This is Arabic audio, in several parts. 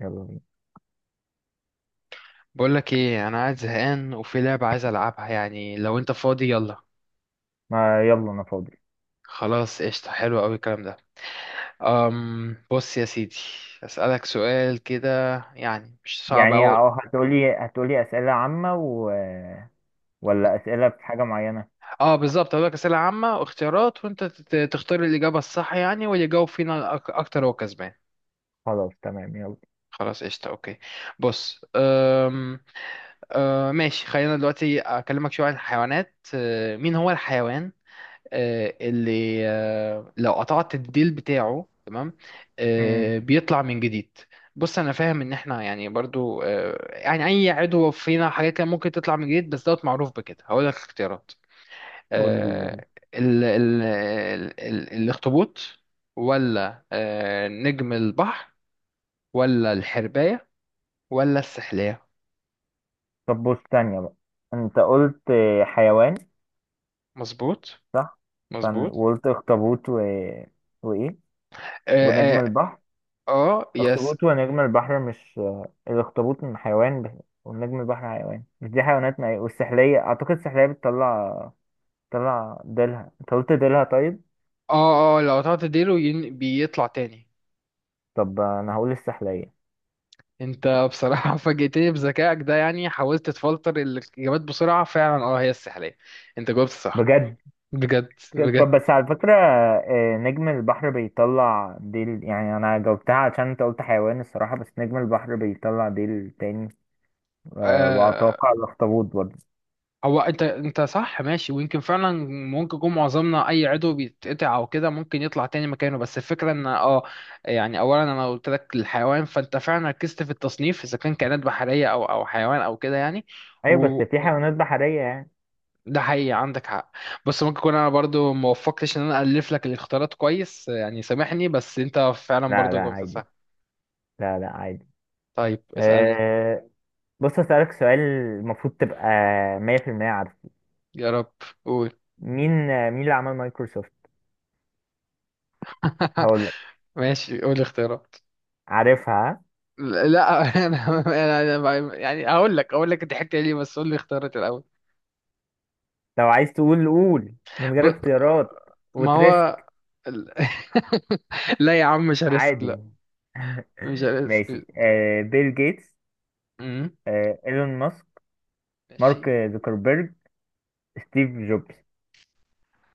يلا بينا. بقولك ايه، انا قاعد زهقان وفي لعبة عايز العبها، يعني لو انت فاضي يلا. ما يلا انا فاضي. خلاص، قشطة. حلو قوي الكلام ده. بص يا سيدي. اسألك سؤال كده، يعني مش صعب يعني أوي. او هتقولي اسئله عامه و... ولا اسئله في حاجه معينه؟ اه بالظبط، هقولك أسئلة عامة واختيارات، وانت تختار الإجابة الصح، يعني واللي يجاوب فينا اكتر هو كسبان. خلاص تمام يلا. خلاص، قشطة، اوكي. بص، أم أه ماشي. خلينا دلوقتي اكلمك شوية عن الحيوانات. مين هو الحيوان اللي لو قطعت الديل بتاعه، تمام، امم. بيطلع من جديد؟ بص، انا فاهم ان احنا يعني برضو يعني اي عضو فينا حاجات كان ممكن تطلع من جديد، بس دوت معروف بكده. هقول لك اختيارات. قولي يلا. آه، ال ال ال ال الاخطبوط، ولا نجم البحر، ولا الحرباية، ولا السحلية. طب بص تانية بقى، انت قلت حيوان مظبوط. صح. فن... مظبوط. وقلت اخطبوط و... وايه؟ ونجم اه, البحر. آه. يس. اخطبوط ونجم البحر، مش الاخطبوط من حيوان ب... ونجم البحر حيوان، مش دي حيوانات؟ ما والسحلية، اعتقد السحلية بتطلع، ديلها، انت قلت ديلها طيب. اه، اه، لو قطعت ديله بيطلع تاني. طب انا هقول السحلية. انت بصراحة فاجئتني بذكائك ده، يعني حاولت تفلتر الإجابات بسرعة فعلا. اه هي السحلية. انت جاوبت صح. بجد؟ بجد بجد. طب بس على فكرة نجم البحر بيطلع ديل، يعني أنا جاوبتها عشان أنت قلت حيوان الصراحة، بس نجم البحر بيطلع ديل تاني. آه. وأتوقع الأخطبوط برضه. هو انت، صح ماشي، ويمكن فعلا ممكن يكون معظمنا اي عضو بيتقطع او كده ممكن يطلع تاني مكانه. بس الفكرة ان اه، يعني اولا انا قلت لك الحيوان، فانت فعلا ركزت في التصنيف اذا كان كائنات بحرية او حيوان او كده يعني. أيوة بس و- في حيوانات بحرية يعني. ده حقيقي، عندك حق. بص، ممكن اكون انا برضو ما وفقتش ان انا الف لك الاختيارات كويس، يعني سامحني، بس انت فعلا لا لا، برضو جاوبت صح. عادي. لا لا، عادي. طيب اسالني. أه بص، أسألك سؤال المفروض تبقى مية في المية عارفه. يا رب، قول. مين مين اللي عمل مايكروسوفت؟ هقولك. ماشي، قول اختيارات. عارفها، ها؟ لا انا انا يعني اقول لك، ضحكت ليه، بس قول لي اختيارات الاول. لو عايز تقول قول من ب... غير اختيارات ما هو وتريسك. ال- لا يا عم، مش هريسك عادي. لا. مش ماشي، هريسك. آه بيل جيتس، مم. آه ايلون ماسك، مارك ماشي. زوكربيرج، ستيف جوبز.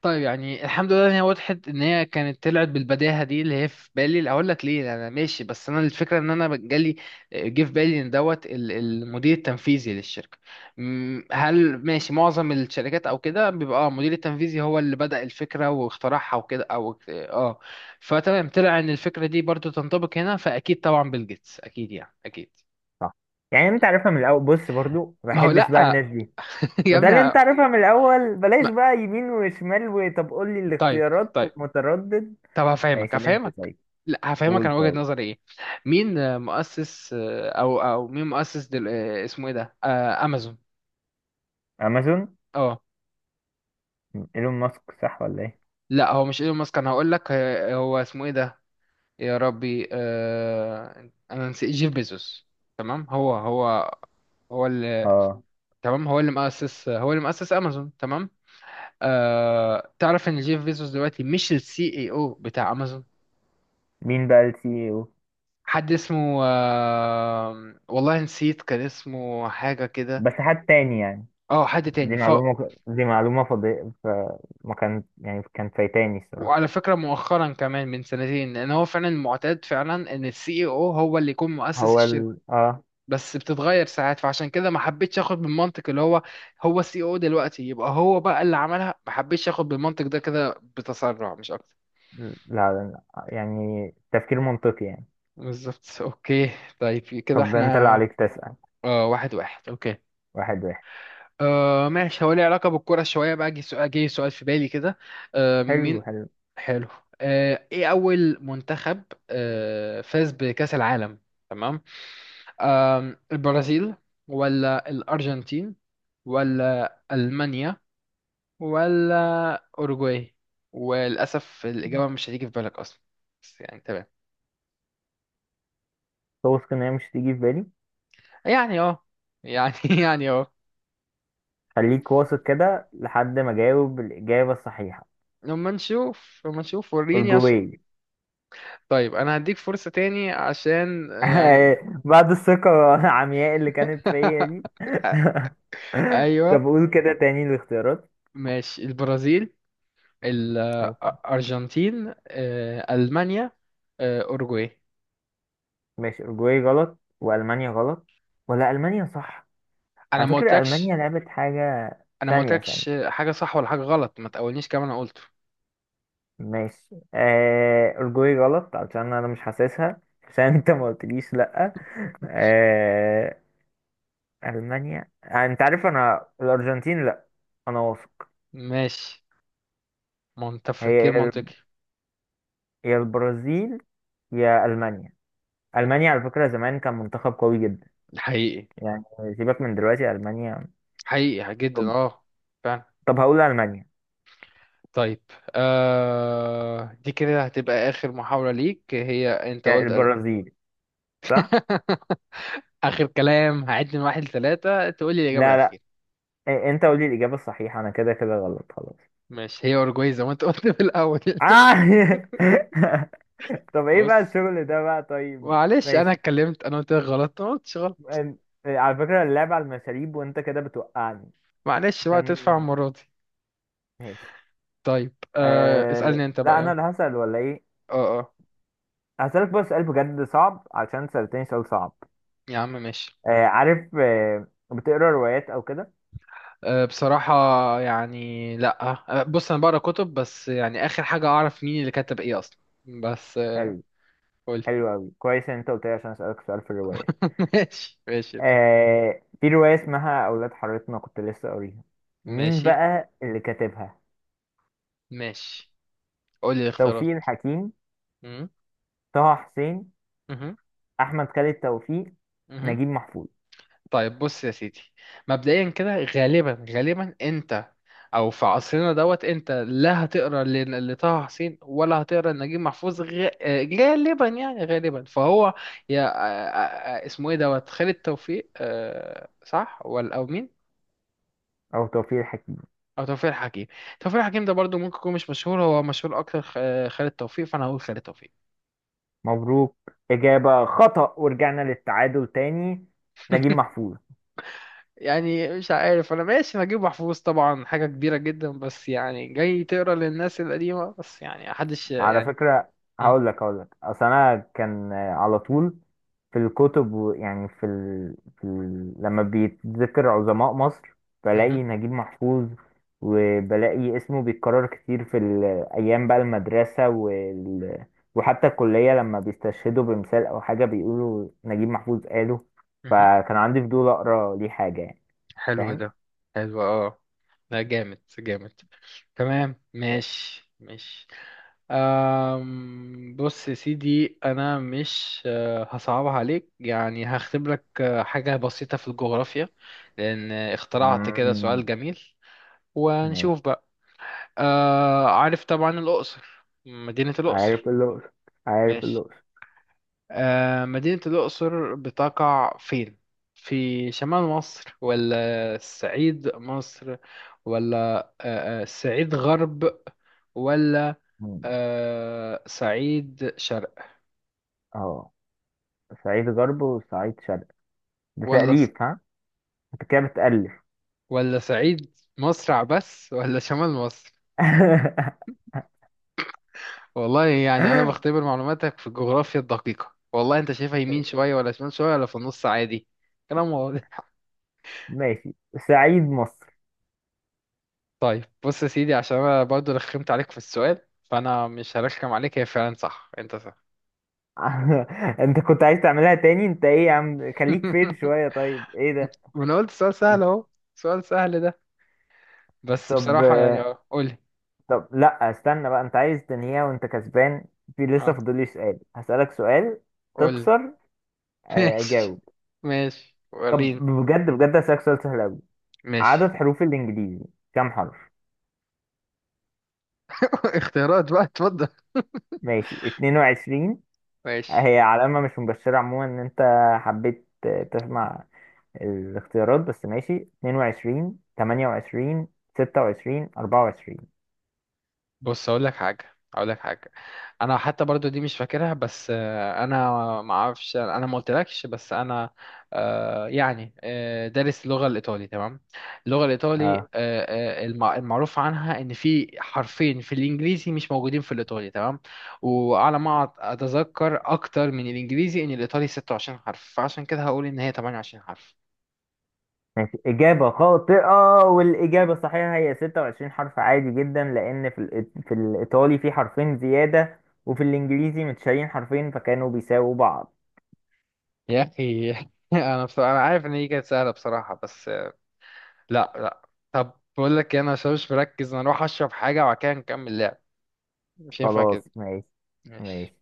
طيب يعني الحمد لله ان هي وضحت، ان هي كانت طلعت بالبداهه دي اللي هي في بالي. اقول لك ليه، انا ماشي، بس انا الفكره ان انا جالي جه في بالي ان دوت المدير التنفيذي للشركه. هل ماشي معظم الشركات او كده بيبقى اه المدير التنفيذي هو اللي بدأ الفكره واخترعها وكده، او اه، فتمام طلع ان الفكره دي برضو تنطبق هنا. فاكيد طبعا بيل جيتس، اكيد يعني اكيد. صح، يعني انت عارفها من الاول. بص برضو ما ما هو بحبش بقى لا. الناس دي. يا ابني. بدل انت عارفها من الاول بلاش ما- بقى يمين وشمال، وطب قول لي طيب، الاختيارات طيب. متردد. طب هفهمك، ماشي، اللي انت طيب. لا، هفهمك انا قول وجهة طيب. نظري ايه. مين مؤسس او مين مؤسس اسمه ايه ده، امازون. امازون. اه، ايلون ماسك صح ولا ايه؟ لا هو مش ايلون ماسك. انا هقول لك هو اسمه ايه ده. يا ربي، انا نسيت. جيف بيزوس، تمام. هو اللي، اه. تمام، هو اللي مؤسس، امازون، تمام. تعرف ان جيف بيزوس دلوقتي مش السي اي او بتاع امازون. مين بقى السي او؟ حد اسمه والله نسيت، كان اسمه حاجة كده. بس حد تاني يعني. اه، حد دي تاني ف. معلومة دي معلومة فضي، فما كان يعني، كان فايتاني الصراحة. وعلى فكرة مؤخرا كمان من سنتين، ان هو فعلا معتاد فعلا ان السي او هو اللي يكون مؤسس هو الشركة، ال اه. بس بتتغير ساعات. فعشان كده ما حبيتش اخد بالمنطق اللي هو، هو السي او دلوقتي يبقى هو بقى اللي عملها. ما حبيتش اخد بالمنطق ده كده، بتسرع مش اكتر. لا لا لا، يعني تفكير منطقي يعني. بالظبط، اوكي. طيب كده طب ده انت اللي احنا، عليك تسأل. اه واحد واحد، اوكي. واحد واحد. آه ماشي. هو ليه علاقة بالكرة شوية بقى. جه سؤال، في بالي كده. آه حلو مين، حلو. حلو. آه ايه أول منتخب فاز بكأس العالم؟ تمام. آه، البرازيل، ولا الأرجنتين، ولا ألمانيا، ولا أوروجواي؟ وللأسف الإجابة مش هتيجي في بالك أصلا، بس يعني تمام. توثق ان هي مش تيجي في بالي. يعني اه، يعني يعني اه. خليك واثق كده لحد ما اجاوب الإجابة الصحيحة. لما نشوف، وريني عشان. أرجوية. طيب انا هديك فرصة تاني عشان يعني. بعد الثقة العمياء اللي كانت فيا دي. طب ايوه، قول كده تاني الاختيارات. ماشي، البرازيل، ماشي. الارجنتين، المانيا، اوروجواي. ماشي أورجواي غلط، وألمانيا غلط، ولا ألمانيا صح؟ انا على ما فكرة قلتلكش، ألمانيا لعبت حاجة. انا ما ثانية قلتلكش ثانية. حاجه صح ولا حاجه غلط. ما تقولنيش كمان انا قلته. ماشي، آه الجوي غلط علشان انا مش حاسسها، عشان انت ما قلتليش لا. آه المانيا، آه انت عارف. انا الارجنتين لا، انا واثق. ماشي، منطق هي تفكير منطقي. يا البرازيل، يا المانيا. أوك. المانيا على فكره زمان كان منتخب قوي جدا حقيقي. يعني. سيبك من دلوقتي المانيا. حقيقي جدا طب، اه. فعلا. طب هقول المانيا. طيب، آه دي كده هتبقى اخر محاولة ليك. هي انت يا قلت ألم. البرازيل؟ صح. اخر كلام، هعد من واحد لثلاثة تقول لي الاجابة لا لا، الاخيرة. إيه، انت قولي الاجابه الصحيحه، انا كده كده غلط خلاص. ماشي، هي أوروجواي زي ما أنت قلت في الأول. آه. طب ايه بقى بص، الشغل ده بقى طيب؟ معلش أنا ماشي. اتكلمت، أنا قلت لك غلط، أنا ما قلتش غلط. أم- على فكرة اللعب على المشاريب وانت كده بتوقعني معلش بقى، عشان. تدفع المرة دي. ماشي. طيب أه اسألني أه... أنت بقى، لا انا يلا. اللي هسأل ولا ايه؟ أه أه. هسألك بس سؤال بجد صعب، عشان سألتني سؤال صعب. يا عم ماشي. أه عارف، أه... بتقرا روايات او كده؟ أه بصراحة، يعني لأ. أه بص، أنا بقرا كتب، بس يعني آخر حاجة أعرف مين اللي كتب إيه أصلا. بس أه، حلو. قولي. حلو اوي، كويس ان انت قلت لي عشان اسألك سؤال في الروايات. ماشي ماشي. أه... في رواية اسمها اولاد حارتنا كنت لسه قاريها. مين ماشي بقى اللي كاتبها؟ ماشي، قولي توفيق الاختيارات. الحكيم، مهم. طه حسين، احمد خالد توفيق، مهم. نجيب محفوظ. طيب بص يا سيدي، مبدئيا كده، غالبا انت، او في عصرنا دوت، انت لا هتقرا لطه حسين، ولا هتقرا لنجيب محفوظ، غالبا يعني، غالبا. فهو يا اسمه ايه دوت، خالد توفيق، صح، ولا او مين؟ او توفيق الحكيم. او توفيق الحكيم. توفيق الحكيم ده برضو ممكن يكون مش مشهور. هو مشهور اكتر خالد توفيق. فانا هقول خالد توفيق. مبروك، إجابة خطأ، ورجعنا للتعادل تاني. نجيب محفوظ. يعني مش عارف، انا ماشي. نجيب محفوظ طبعا حاجه كبيره جدا، بس يعني جاي تقرا للناس القديمه، بس يعني محدش على يعني. فكرة، مم. هقول لك أصل أنا كان، على طول في الكتب يعني في, ال... في ال... لما بيتذكر عظماء مصر بلاقي مهم. نجيب محفوظ، وبلاقي اسمه بيتكرر كتير في الأيام بقى، المدرسة وال... وحتى الكلية، لما بيستشهدوا بمثال أو حاجة بيقولوا نجيب محفوظ قاله. مهم. فكان عندي فضول أقرأ ليه حاجة يعني. حلو ده. حلو اه. لا جامد جامد. تمام، ماشي ماشي. بص يا سيدي، انا مش هصعبها عليك يعني. هختبرك لك حاجة بسيطة في الجغرافيا، لان اخترعت كده فاهم؟ سؤال جميل. ماشي. وهنشوف بقى. أه عارف طبعا الاقصر، مدينة عارف الاقصر. الأقصر. عارف ماشي. الأقصر. مدينة الأقصر بتقع فين؟ في شمال مصر، ولا الصعيد مصر، ولا الصعيد غرب، ولا مم. صعيد شرق، اه. صعيد غرب وصعيد شرق؟ ده ولا، تأليف ها، انت كده بتألف. صعيد مصر عبس، ولا شمال مصر؟ والله يعني أنا بختبر معلوماتك في الجغرافيا الدقيقة. والله أنت شايفها يمين شوية، ولا شمال شوية، ولا في النص عادي. كلام واضح. ماشي، صعيد مصر. طيب بص يا سيدي، عشان انا برضو رخمت عليك في السؤال، فانا مش هرخم عليك. هي فعلا صح، انت صح. انت كنت عايز تعملها تاني؟ انت ايه يا عم، خليك فين شوية طيب، ايه ده؟ وانا قلت سؤال سهل اهو، سؤال سهل ده. بس طب، بصراحة يعني اه قولي. طب لا استنى بقى، انت عايز تنهيها وانت كسبان. في لسه اه فاضل لي سؤال، هسألك سؤال قولي. تخسر. ماشي اجاوب. ماشي. طب وريني. بجد بجد، هسألك سؤال سهل قوي. عدد ماشي. حروف الانجليزي كام حرف؟ اختيارات بقى، اتفضل. ماشي 22. ماشي. هي علامة مش مبشرة عموما ان انت حبيت تسمع الاختيارات، بس ماشي 22, 28, 26, 24. بص اقول لك حاجه، انا حتى برضو دي مش فاكرها، بس انا ما اعرفش، انا ما قلتلكش، بس انا يعني دارس اللغه الايطالي، تمام. اللغه الايطالي اه المعروف عنها ان في حرفين في الانجليزي مش موجودين في الايطالي، تمام. وعلى ما اتذكر اكتر من الانجليزي ان الايطالي 26 حرف، فعشان كده هقول ان هي 28 حرف. ماشي، إجابة خاطئة، والإجابة الصحيحة هي 26 حرف. عادي جدا لأن في في الإيطالي في حرفين زيادة، وفي الإنجليزي متشالين حرفين، فكانوا بيساووا بعض. يا اخي انا بصراحة انا عارف ان هي كانت سهله بصراحه بس. لا لا. طب بقول لك إيه، انا عشان مش مركز، انا اروح اشرب حاجه، وبعد كده نكمل لعب. مش ينفع كده. خلاص ماشي. ماشي. ماشي.